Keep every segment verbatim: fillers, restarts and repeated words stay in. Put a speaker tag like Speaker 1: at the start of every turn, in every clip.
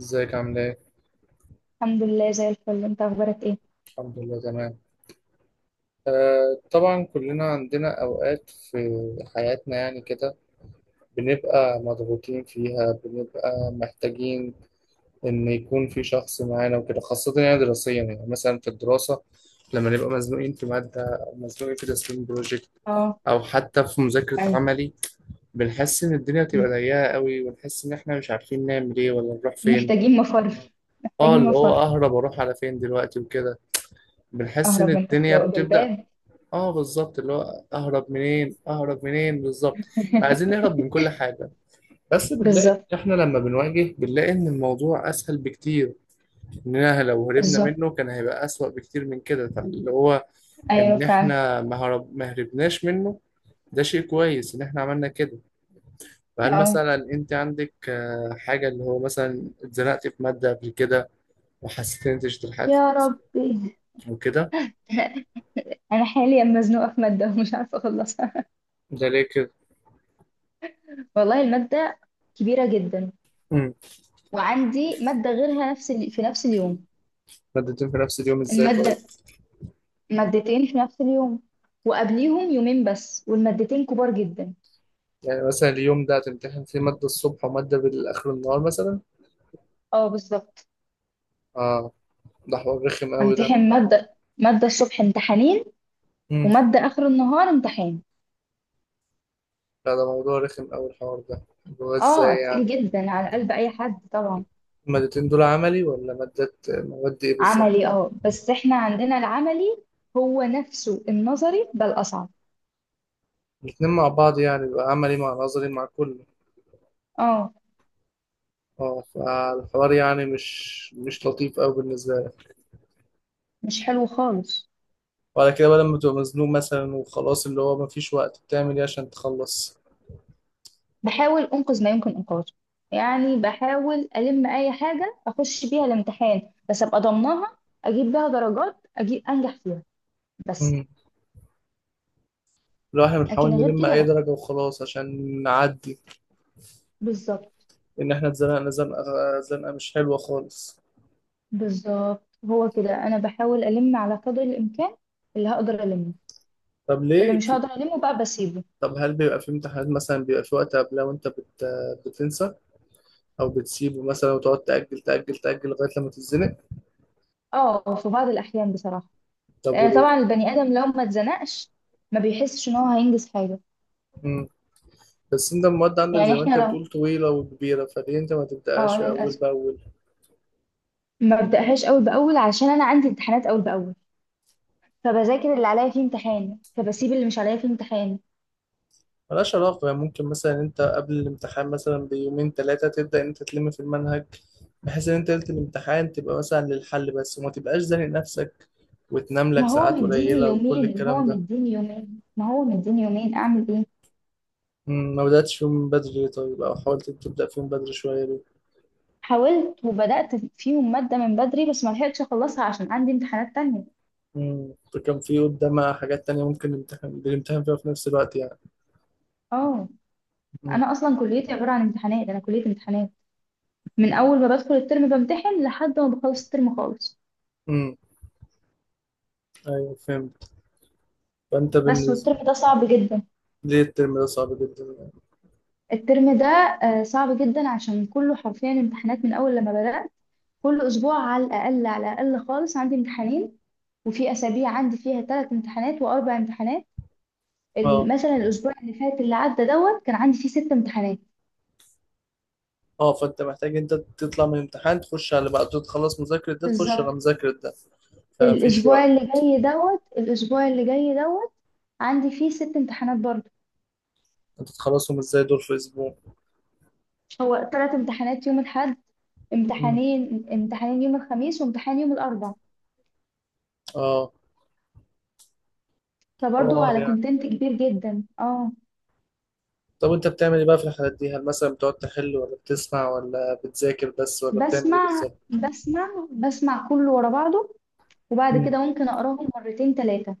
Speaker 1: ازيك عامل ايه؟
Speaker 2: الحمد لله، زي الفل. انت اخبارك ايه؟
Speaker 1: الحمد لله تمام. آه، طبعا كلنا عندنا اوقات في حياتنا يعني كده بنبقى مضغوطين فيها، بنبقى محتاجين ان يكون في شخص معانا وكده، خاصة يعني دراسيا، يعني مثلا في الدراسة لما نبقى مزنوقين في مادة او مزنوقين في تسليم بروجكت
Speaker 2: اه.
Speaker 1: او حتى في مذاكرة
Speaker 2: اي.
Speaker 1: عملي. بنحس ان الدنيا بتبقى
Speaker 2: مم.
Speaker 1: ضيقة قوي، ونحس ان احنا مش عارفين نعمل ايه ولا نروح فين.
Speaker 2: محتاجين مفر.
Speaker 1: اه،
Speaker 2: محتاجين
Speaker 1: اللي هو
Speaker 2: مفر.
Speaker 1: اهرب اروح على فين دلوقتي وكده. بنحس ان
Speaker 2: اهرب من تحت
Speaker 1: الدنيا بتبدأ.
Speaker 2: بالباب.
Speaker 1: اه بالظبط، اللي هو اهرب منين اهرب منين بالظبط. عايزين نهرب من كل حاجه، بس بنلاقي
Speaker 2: بالظبط.
Speaker 1: احنا لما بنواجه بنلاقي ان الموضوع اسهل بكتير. اننا لو هربنا
Speaker 2: بالظبط.
Speaker 1: منه كان هيبقى اسوأ بكتير من كده، فاللي هو
Speaker 2: ايوه،
Speaker 1: ان
Speaker 2: فعلا.
Speaker 1: احنا ما هرب ما هربناش منه ده شيء كويس ان احنا عملنا كده. فهل
Speaker 2: اه،
Speaker 1: مثلا انت عندك آه، حاجه اللي هو مثلا اتزنقت في ماده قبل كده وحسيت ان انت اجتهدت
Speaker 2: يا ربي،
Speaker 1: وكده؟
Speaker 2: انا حاليا مزنوقه في ماده ومش عارفه اخلصها.
Speaker 1: ده ليه كده؟
Speaker 2: والله الماده كبيره جدا،
Speaker 1: امم.
Speaker 2: وعندي ماده غيرها نفس ال... في نفس اليوم.
Speaker 1: مادتين في نفس اليوم ازاي طيب؟
Speaker 2: الماده مادتين في نفس اليوم، وقبليهم يومين بس، والمادتين كبار جدا.
Speaker 1: يعني مثلا اليوم ده هتمتحن فيه مادة الصبح ومادة بالآخر النهار مثلا؟
Speaker 2: اه بالظبط.
Speaker 1: اه، ده حوار رخم قوي ده.
Speaker 2: همتحن ماده ماده الصبح امتحانين،
Speaker 1: امم.
Speaker 2: ومادة آخر النهار امتحان.
Speaker 1: لا ده موضوع رخم قوي الحوار ده، اللي هو ازاي
Speaker 2: اه، تقيل
Speaker 1: يعني؟
Speaker 2: جدا على قلب أي حد طبعا.
Speaker 1: المادتين دول عملي ولا مادة مواد ايه
Speaker 2: عملي،
Speaker 1: بالظبط؟
Speaker 2: اه، بس احنا عندنا العملي هو نفسه النظري، بل أصعب.
Speaker 1: الاتنين مع بعض يعني، بيبقى عملي مع نظري مع كله؟
Speaker 2: اه،
Speaker 1: اه، فالحوار يعني مش مش لطيف قوي بالنسبة لك.
Speaker 2: مش حلو خالص.
Speaker 1: وعلى كده بقى لما تبقى مزنوق مثلا وخلاص اللي هو مفيش وقت، بتعمل ايه عشان تخلص؟
Speaker 2: بحاول أنقذ ما يمكن إنقاذه، يعني بحاول ألم أي حاجة أخش بيها الامتحان بس أبقى ضمنها، أجيب بيها درجات، أجيب أنجح فيها بس.
Speaker 1: امم. لو احنا بنحاول
Speaker 2: لكن غير
Speaker 1: نلم
Speaker 2: كده
Speaker 1: اي
Speaker 2: لأ.
Speaker 1: درجة وخلاص عشان نعدي،
Speaker 2: بالظبط.
Speaker 1: ان احنا اتزنقنا زنقه، زنقه مش حلوه خالص.
Speaker 2: بالظبط، هو كده. أنا بحاول ألم على قدر الإمكان، اللي هقدر ألمه.
Speaker 1: طب
Speaker 2: اللي
Speaker 1: ليه
Speaker 2: مش
Speaker 1: في...
Speaker 2: هقدر ألمه بقى بسيبه.
Speaker 1: طب هل بيبقى في امتحانات مثلا بيبقى في وقت قبلها وانت بت... بتنسى، او بتسيبه مثلا وتقعد تاجل تاجل تاجل لغايه لما تتزنق؟
Speaker 2: اه، في بعض الأحيان بصراحة.
Speaker 1: طب
Speaker 2: لأن
Speaker 1: وليه؟
Speaker 2: طبعا البني آدم لو ما اتزنقش ما بيحسش إن هو هينجز حاجة.
Speaker 1: مم. بس انت المواد عندك
Speaker 2: يعني
Speaker 1: زي ما
Speaker 2: احنا
Speaker 1: انت
Speaker 2: لو
Speaker 1: بتقول طويله وكبيره، فليه انت ما
Speaker 2: اه
Speaker 1: تبداهاش اول
Speaker 2: للأسف
Speaker 1: باول؟
Speaker 2: ما ببدأهاش أول بأول، عشان أنا عندي امتحانات أول بأول، فبذاكر اللي عليا فيه امتحان، فبسيب اللي مش عليا فيه امتحان.
Speaker 1: ملهاش علاقه، يعني ممكن مثلا انت قبل الامتحان مثلا بيومين ثلاثه تبدا انت تلم في المنهج، بحيث ان انت ليله الامتحان تبقى مثلا للحل بس وما تبقاش زانق نفسك وتنام لك
Speaker 2: ما هو
Speaker 1: ساعات
Speaker 2: مديني
Speaker 1: قليله وكل
Speaker 2: يومين، ما
Speaker 1: الكلام
Speaker 2: هو
Speaker 1: ده.
Speaker 2: مديني يومين، ما هو مديني يومين، أعمل إيه؟
Speaker 1: مم، ما بدأتش فيهم من بدري ليه؟ طيب أو حاولت تبدأ فيهم بدري شوية ليه؟
Speaker 2: حاولت وبدأت فيهم مادة من بدري، بس ما لحقتش أخلصها عشان عندي امتحانات تانية.
Speaker 1: مم، فكان في قدامها حاجات تانية ممكن نمتحن بنمتحن فيها في نفس الوقت يعني.
Speaker 2: اه.
Speaker 1: مم،
Speaker 2: أنا أصلا كليتي عبارة عن امتحانات، أنا كلية امتحانات. من اول ما بدخل الترم بمتحن لحد ما بخلص الترم خالص.
Speaker 1: مم، أيوه فهمت. فأنت
Speaker 2: بس
Speaker 1: بالنسبة
Speaker 2: والترم ده صعب جدا.
Speaker 1: ليه الترم ده صعب جدا يعني؟
Speaker 2: الترم ده آه، صعب جدا عشان كله حرفيا امتحانات من اول لما بدأت. كل اسبوع على الاقل، على الاقل خالص، عندي امتحانين، وفي اسابيع عندي فيها ثلاث امتحانات واربع امتحانات. ال-
Speaker 1: أه.
Speaker 2: مثلا الاسبوع اللي فات اللي عدى دوت كان عندي فيه ست امتحانات.
Speaker 1: أه، فأنت محتاج أنت تطلع من الامتحان تخش على اللي بعده، تخلص مذاكرة ده تخش على
Speaker 2: بالظبط.
Speaker 1: مذاكرة ده، فمفيش
Speaker 2: الاسبوع
Speaker 1: وقت.
Speaker 2: اللي جاي دوت الاسبوع اللي جاي دوت عندي فيه ست امتحانات برضه.
Speaker 1: أنت تخلصهم إزاي دول في أسبوع؟
Speaker 2: هو ثلاث امتحانات يوم الأحد،
Speaker 1: مم،
Speaker 2: امتحانين امتحانين يوم الخميس، وامتحان يوم الأربع.
Speaker 1: أه.
Speaker 2: فبرضه
Speaker 1: حوار
Speaker 2: على
Speaker 1: يعني.
Speaker 2: كونتنت كبير جدا، اه.
Speaker 1: طب أنت بتعمل إيه بقى في الحالات دي؟ هل مثلا بتقعد تحل ولا بتسمع ولا بتذاكر بس ولا بتعمل إيه
Speaker 2: بسمع،
Speaker 1: بالظبط؟
Speaker 2: بسمع، بسمع، كله ورا بعضه. وبعد كده ممكن أقراهم مرتين، ثلاثة.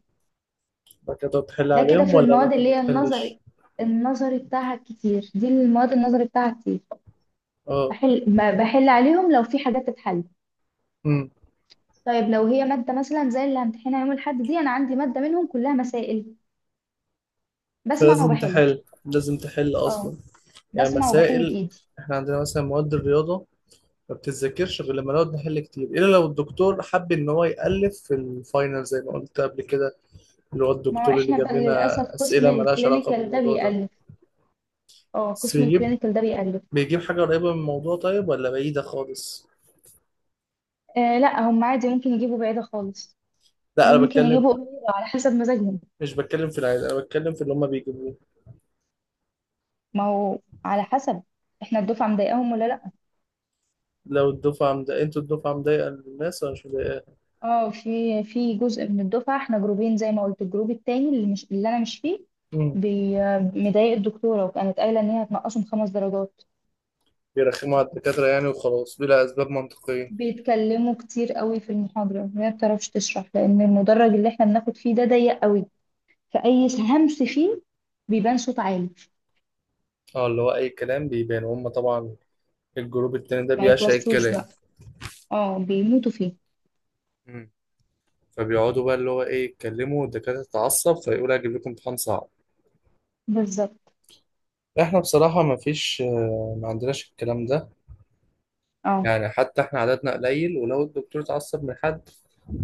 Speaker 1: كده تحل
Speaker 2: ده كده
Speaker 1: عليهم
Speaker 2: في
Speaker 1: ولا
Speaker 2: المواد
Speaker 1: ممكن
Speaker 2: اللي
Speaker 1: ما
Speaker 2: هي
Speaker 1: تحلش؟
Speaker 2: النظري. النظري بتاعها كتير، دي المواد النظري بتاعها كتير.
Speaker 1: اه.
Speaker 2: بحل ب- بحل عليهم لو في حاجات تتحل.
Speaker 1: امم.
Speaker 2: طيب لو هي مادة مثلا زي اللي همتحنها يوم الأحد دي، أنا عندي مادة منهم كلها مسائل، بسمع
Speaker 1: فلازم
Speaker 2: وبحل.
Speaker 1: تحل، لازم تحل
Speaker 2: اه،
Speaker 1: اصلا. يعني
Speaker 2: بسمع وبحل
Speaker 1: مسائل.
Speaker 2: بإيدي.
Speaker 1: احنا عندنا مثلا مواد الرياضة ما بتتذاكرش غير لما نقعد نحل كتير، الا لو الدكتور حب ان هو يألف في الفاينل زي ما قلت قبل كده، اللي هو
Speaker 2: ما هو
Speaker 1: الدكتور اللي
Speaker 2: احنا بقى
Speaker 1: جاب لنا
Speaker 2: للأسف قسم
Speaker 1: اسئلة مالهاش علاقة
Speaker 2: الكلينيكال ده
Speaker 1: بالموضوع ده.
Speaker 2: بيألف. اه،
Speaker 1: بس
Speaker 2: قسم
Speaker 1: بيجيب
Speaker 2: الكلينيكال ده بيألف.
Speaker 1: بيجيب حاجة قريبة من الموضوع طيب، ولا بعيدة خالص؟
Speaker 2: آه لا، هم عادي ممكن يجيبوا بعيدة خالص،
Speaker 1: لا انا
Speaker 2: وممكن
Speaker 1: بتكلم،
Speaker 2: يجيبوا قريبة، على حسب مزاجهم.
Speaker 1: مش بتكلم في العيد، انا بتكلم في اللي هما بيجيبوه.
Speaker 2: ما هو على حسب احنا الدفعة مضايقاهم ولا لا.
Speaker 1: لو الدفعة مضايقة، انتوا الدفعة مضايقة الناس ولا مش مضايقاها؟
Speaker 2: اه، في في جزء من الدفعة، احنا جروبين زي ما قلت. الجروب التاني اللي مش اللي انا مش فيه، بي- مضايق الدكتورة، وكانت قايلة ان هي هتنقصهم خمس درجات.
Speaker 1: بيرخموا على الدكاترة يعني وخلاص، بلا أسباب منطقية؟
Speaker 2: بيتكلموا كتير قوي في المحاضرة، وهي ما بتعرفش تشرح لان المدرج اللي احنا بناخد فيه ده ضيق قوي، فأي همس فيه بيبان صوت عالي.
Speaker 1: اه، اللي هو أي كلام بيبان، وهم طبعا الجروب التاني ده
Speaker 2: ما
Speaker 1: بيعشق
Speaker 2: يتوصوش
Speaker 1: الكلام.
Speaker 2: بقى. اه، بيموتوا فيه.
Speaker 1: مم. فبيقعدوا بقى اللي هو إيه، يتكلموا والدكاترة تتعصب فيقول هجيب لكم امتحان صعب.
Speaker 2: بالظبط.
Speaker 1: احنا بصراحة ما فيش آه، ما عندناش الكلام ده.
Speaker 2: اه.
Speaker 1: يعني حتى احنا عددنا قليل، ولو الدكتور اتعصب من حد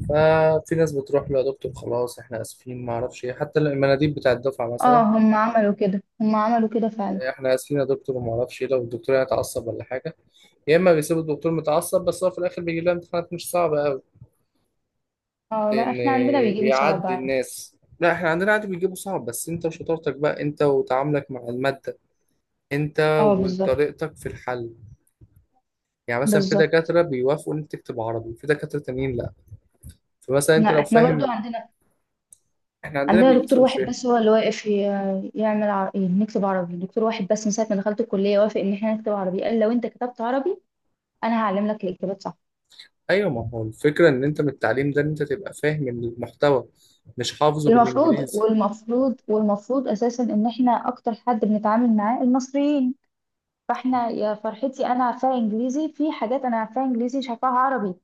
Speaker 1: ففي ناس بتروح له يا دكتور خلاص احنا اسفين ما اعرفش ايه، حتى المناديب بتاع الدفعة
Speaker 2: اه،
Speaker 1: مثلا،
Speaker 2: هم عملوا كده هم عملوا كده فعلا.
Speaker 1: احنا اسفين يا دكتور وما اعرفش ايه، لو الدكتور يعني اتعصب ولا حاجة. يا اما بيسيبوا الدكتور متعصب، بس هو في الاخر بيجيب لها امتحانات مش صعبه قوي
Speaker 2: اه لا،
Speaker 1: لان
Speaker 2: احنا عندنا بيجيبوا صعب
Speaker 1: بيعدي
Speaker 2: عادي.
Speaker 1: الناس. لا احنا عندنا عادي بيجيبوا صعب، بس انت وشطارتك بقى، انت وتعاملك مع الماده، انت
Speaker 2: اه بالظبط.
Speaker 1: وطريقتك في الحل. يعني مثلا في
Speaker 2: بالظبط.
Speaker 1: دكاتره بيوافقوا ان انت تكتب عربي، في دكاتره تانيين لا. فمثلا انت
Speaker 2: لا،
Speaker 1: لو
Speaker 2: احنا برضو
Speaker 1: فاهم،
Speaker 2: عندنا
Speaker 1: احنا عندنا
Speaker 2: عندنا دكتور
Speaker 1: بيقيسوا
Speaker 2: واحد
Speaker 1: الفهم.
Speaker 2: بس هو اللي واقف ي- يعمل ع- إيه، نكتب عربي. دكتور واحد بس، من ساعة ما دخلت الكلية، وافق ان احنا نكتب عربي. قال لو انت كتبت عربي، انا هعلم لك الاجابات صح.
Speaker 1: ايوه، ما هو الفكره ان انت من التعليم ده ان انت تبقى فاهم المحتوى، مش حافظه
Speaker 2: المفروض،
Speaker 1: بالانجليزي.
Speaker 2: والمفروض، والمفروض اساسا، ان احنا اكتر حد بنتعامل معاه المصريين. فاحنا يا فرحتي، انا عارفاها انجليزي. في حاجات انا عارفاها انجليزي مش عارفاها عربي.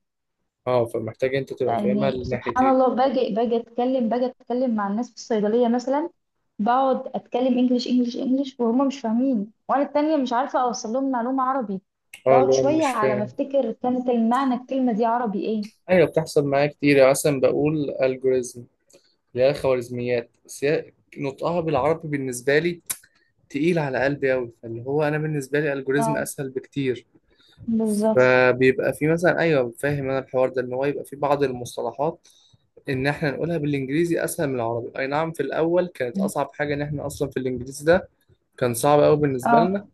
Speaker 1: اه، فمحتاج انت تبقى فاهمها
Speaker 2: يعني سبحان
Speaker 1: الناحيتين.
Speaker 2: الله، باجي باجي اتكلم باجي اتكلم مع الناس في الصيدليه مثلا، بقعد اتكلم انجليش، انجليش، انجليش، وهم مش فاهمين، وانا التانية مش عارفه اوصل لهم معلومه عربي.
Speaker 1: اه اللي
Speaker 2: بقعد
Speaker 1: هو انا
Speaker 2: شويه
Speaker 1: مش
Speaker 2: على ما
Speaker 1: فاهم.
Speaker 2: افتكر كانت المعنى الكلمه دي عربي ايه.
Speaker 1: ايوه بتحصل معايا كتير، يعني مثلا بقول الجوريزم اللي هي الخوارزميات، بس هي نطقها بالعربي بالنسبه لي تقيل على قلبي قوي، فاللي هو انا بالنسبه لي الجوريزم
Speaker 2: اه
Speaker 1: اسهل بكتير.
Speaker 2: بالظبط.
Speaker 1: فبيبقى في مثلا، ايوه فاهم انا الحوار ده، ان هو يبقى في بعض المصطلحات ان احنا نقولها بالانجليزي اسهل من العربي. اي نعم في الاول كانت اصعب حاجه ان احنا اصلا في الانجليزي ده، كان صعب قوي بالنسبه لنا،
Speaker 2: اه،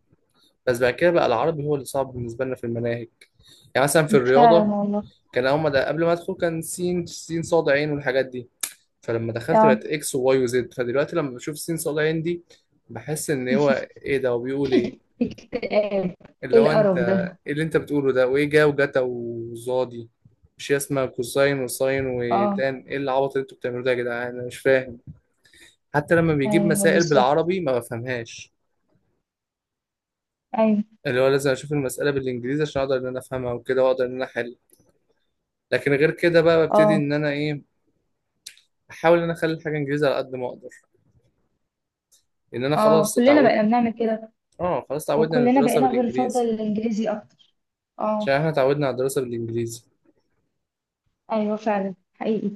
Speaker 1: بس بعد كده بقى العربي هو اللي صعب بالنسبه لنا في المناهج. يعني مثلا في
Speaker 2: فعلا
Speaker 1: الرياضه،
Speaker 2: والله.
Speaker 1: كان هما ده قبل ما ادخل كان سين سين صاد عين والحاجات دي، فلما دخلت
Speaker 2: اه.
Speaker 1: بقت اكس وواي وزد، فدلوقتي لما بشوف سين صاد عين دي بحس ان هو ايه ده وبيقول ايه.
Speaker 2: اكتئاب.
Speaker 1: اللي
Speaker 2: ايه
Speaker 1: هو انت،
Speaker 2: القرف ده؟
Speaker 1: ايه اللي انت بتقوله ده؟ وايه جا وجتا وزادي؟ مش هي اسمها كوساين وساين
Speaker 2: اه،
Speaker 1: وتان؟ ايه العبط اللي انتوا بتعملوه ده يا جدعان؟ انا مش فاهم. حتى لما بيجيب
Speaker 2: ايوه
Speaker 1: مسائل
Speaker 2: بالظبط.
Speaker 1: بالعربي ما بفهمهاش،
Speaker 2: ايوه.
Speaker 1: اللي هو لازم اشوف المسألة بالانجليزي عشان اقدر ان انا افهمها وكده، واقدر ان انا احل. لكن غير كده بقى ببتدي
Speaker 2: اه.
Speaker 1: ان انا ايه، احاول ان انا اخلي الحاجة انجليزي على قد ما اقدر، ان انا
Speaker 2: اه،
Speaker 1: خلاص
Speaker 2: كلنا
Speaker 1: اتعودت.
Speaker 2: بقينا بنعمل كده.
Speaker 1: اه خلاص اتعودنا على
Speaker 2: وكلنا
Speaker 1: الدراسه
Speaker 2: بقينا بنفضل
Speaker 1: بالانجليزي.
Speaker 2: الانجليزي اكتر.
Speaker 1: عشان
Speaker 2: اه.
Speaker 1: احنا اتعودنا على الدراسه بالانجليزي،
Speaker 2: ايوه، فعلا، حقيقي.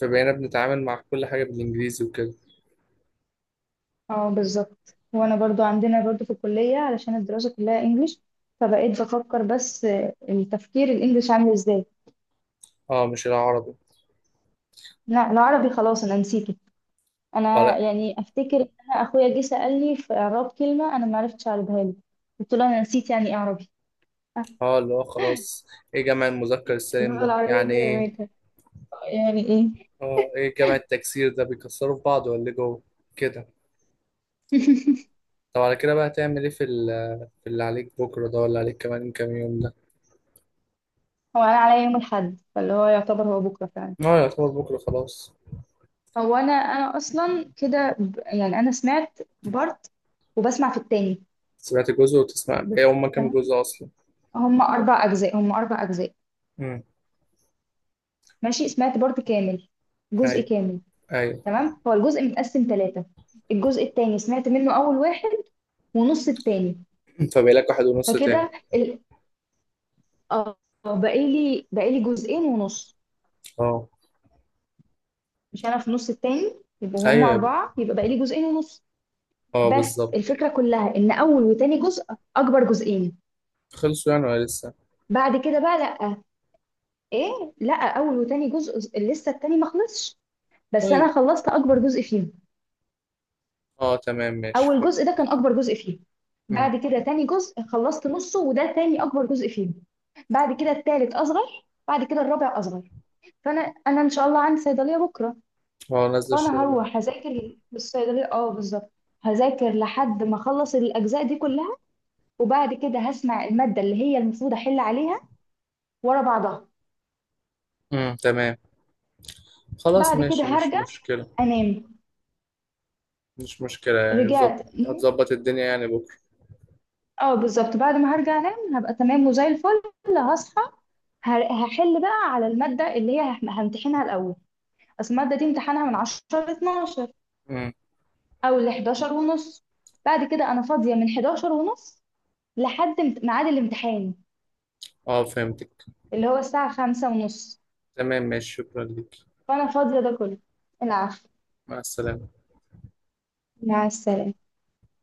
Speaker 1: فبقينا بنتعامل مع كل حاجه بالانجليزي وكده.
Speaker 2: اه، بالظبط. وانا برضو عندنا برضو في الكلية، علشان الدراسة كلها انجليش، فبقيت بفكر بس آه، التفكير الانجليش عامل ازاي.
Speaker 1: اه مش العربي.
Speaker 2: لا، العربي خلاص انا نسيته.
Speaker 1: اه
Speaker 2: انا
Speaker 1: لا.
Speaker 2: يعني افتكر ان انا اخويا جه سألني في اعراب كلمة، انا ما عرفتش اعربها له. قلت له انا نسيت يعني ايه عربي. آه.
Speaker 1: اه اللي هو خلاص، ايه جمع المذكر
Speaker 2: اللي هو
Speaker 1: السالم ده
Speaker 2: العربية
Speaker 1: يعني
Speaker 2: دي
Speaker 1: ايه.
Speaker 2: رميتها، يعني ايه.
Speaker 1: اه ايه جمع التكسير ده، بيكسروا في بعض ولا إيه جوه كده؟ طب على كده بقى هتعمل ايه في ال- في اللي عليك بكره ده، ولا عليك كمان كام يوم ده؟
Speaker 2: هو انا عليا يوم الاحد، فاللي هو يعتبر هو بكرة فعلا.
Speaker 1: اه يعتبر بكره خلاص.
Speaker 2: هو انا انا اصلا كده ب- يعني انا سمعت بارت، وبسمع في التاني.
Speaker 1: سمعت جزء وتسمع، بقى هما كام
Speaker 2: تمام.
Speaker 1: جزء اصلا؟
Speaker 2: هم اربع اجزاء هم اربع اجزاء.
Speaker 1: امم.
Speaker 2: ماشي، سمعت بارت كامل، جزء
Speaker 1: ايوه،
Speaker 2: كامل.
Speaker 1: ايوه.
Speaker 2: تمام، هو الجزء متقسم ثلاثة. الجزء التاني سمعت منه اول واحد، ونص التاني.
Speaker 1: فبقى لك واحد ونص تاني.
Speaker 2: فكده ال... اه، بقالي بقالي جزئين ونص.
Speaker 1: اه
Speaker 2: مش انا في نص التاني، يبقوا هم
Speaker 1: ايوه.
Speaker 2: اربعة، يبقى بقالي جزئين ونص.
Speaker 1: اه
Speaker 2: بس
Speaker 1: بالظبط.
Speaker 2: الفكرة كلها ان اول وتاني جزء اكبر جزئين.
Speaker 1: خلصوا يعني ولا لسه؟
Speaker 2: بعد كده بقى لا، ايه، لا، اول وتاني جزء ز- لسه التاني ما خلصش، بس
Speaker 1: طيب.
Speaker 2: انا خلصت اكبر جزء فيهم.
Speaker 1: اه تمام ماشي
Speaker 2: اول جزء
Speaker 1: فهمت.
Speaker 2: ده كان اكبر جزء فيهم.
Speaker 1: امم.
Speaker 2: بعد كده تاني جزء خلصت نصه، وده تاني اكبر جزء فيهم. بعد كده التالت اصغر، بعد كده الرابع اصغر. فانا انا ان شاء الله عندي صيدليه بكره،
Speaker 1: هو نازل
Speaker 2: فانا
Speaker 1: الشغل؟
Speaker 2: هروح هذاكر في الصيدليه. اه، بالظبط. هذاكر لحد ما اخلص الاجزاء دي كلها، وبعد كده هسمع الماده اللي هي المفروض احل عليها ورا بعضها.
Speaker 1: امم، تمام. خلاص
Speaker 2: بعد كده
Speaker 1: ماشي مش
Speaker 2: هرجع
Speaker 1: مشكلة.
Speaker 2: انام.
Speaker 1: مش مشكلة يعني، ظبط.
Speaker 2: رجعت.
Speaker 1: هتظبط الدنيا يعني بكرة.
Speaker 2: اه، بالظبط. بعد ما هرجع انام هبقى تمام وزي الفل. هصحى، ه- هحل بقى على المادة اللي هي هح- همتحنها الأول. بس المادة دي امتحانها من عشرة ل اثنا عشر،
Speaker 1: امم.
Speaker 2: أو ل حداشر ونص. بعد كده أنا فاضية من حداشر ونص لحد امت- ميعاد الامتحان،
Speaker 1: اه فهمتك.
Speaker 2: اللي هو الساعة خمسة ونص.
Speaker 1: تمام ماشي، شكرا ليك.
Speaker 2: فأنا فاضية ده كله. العفو.
Speaker 1: مع السلامة.
Speaker 2: مع السلامة.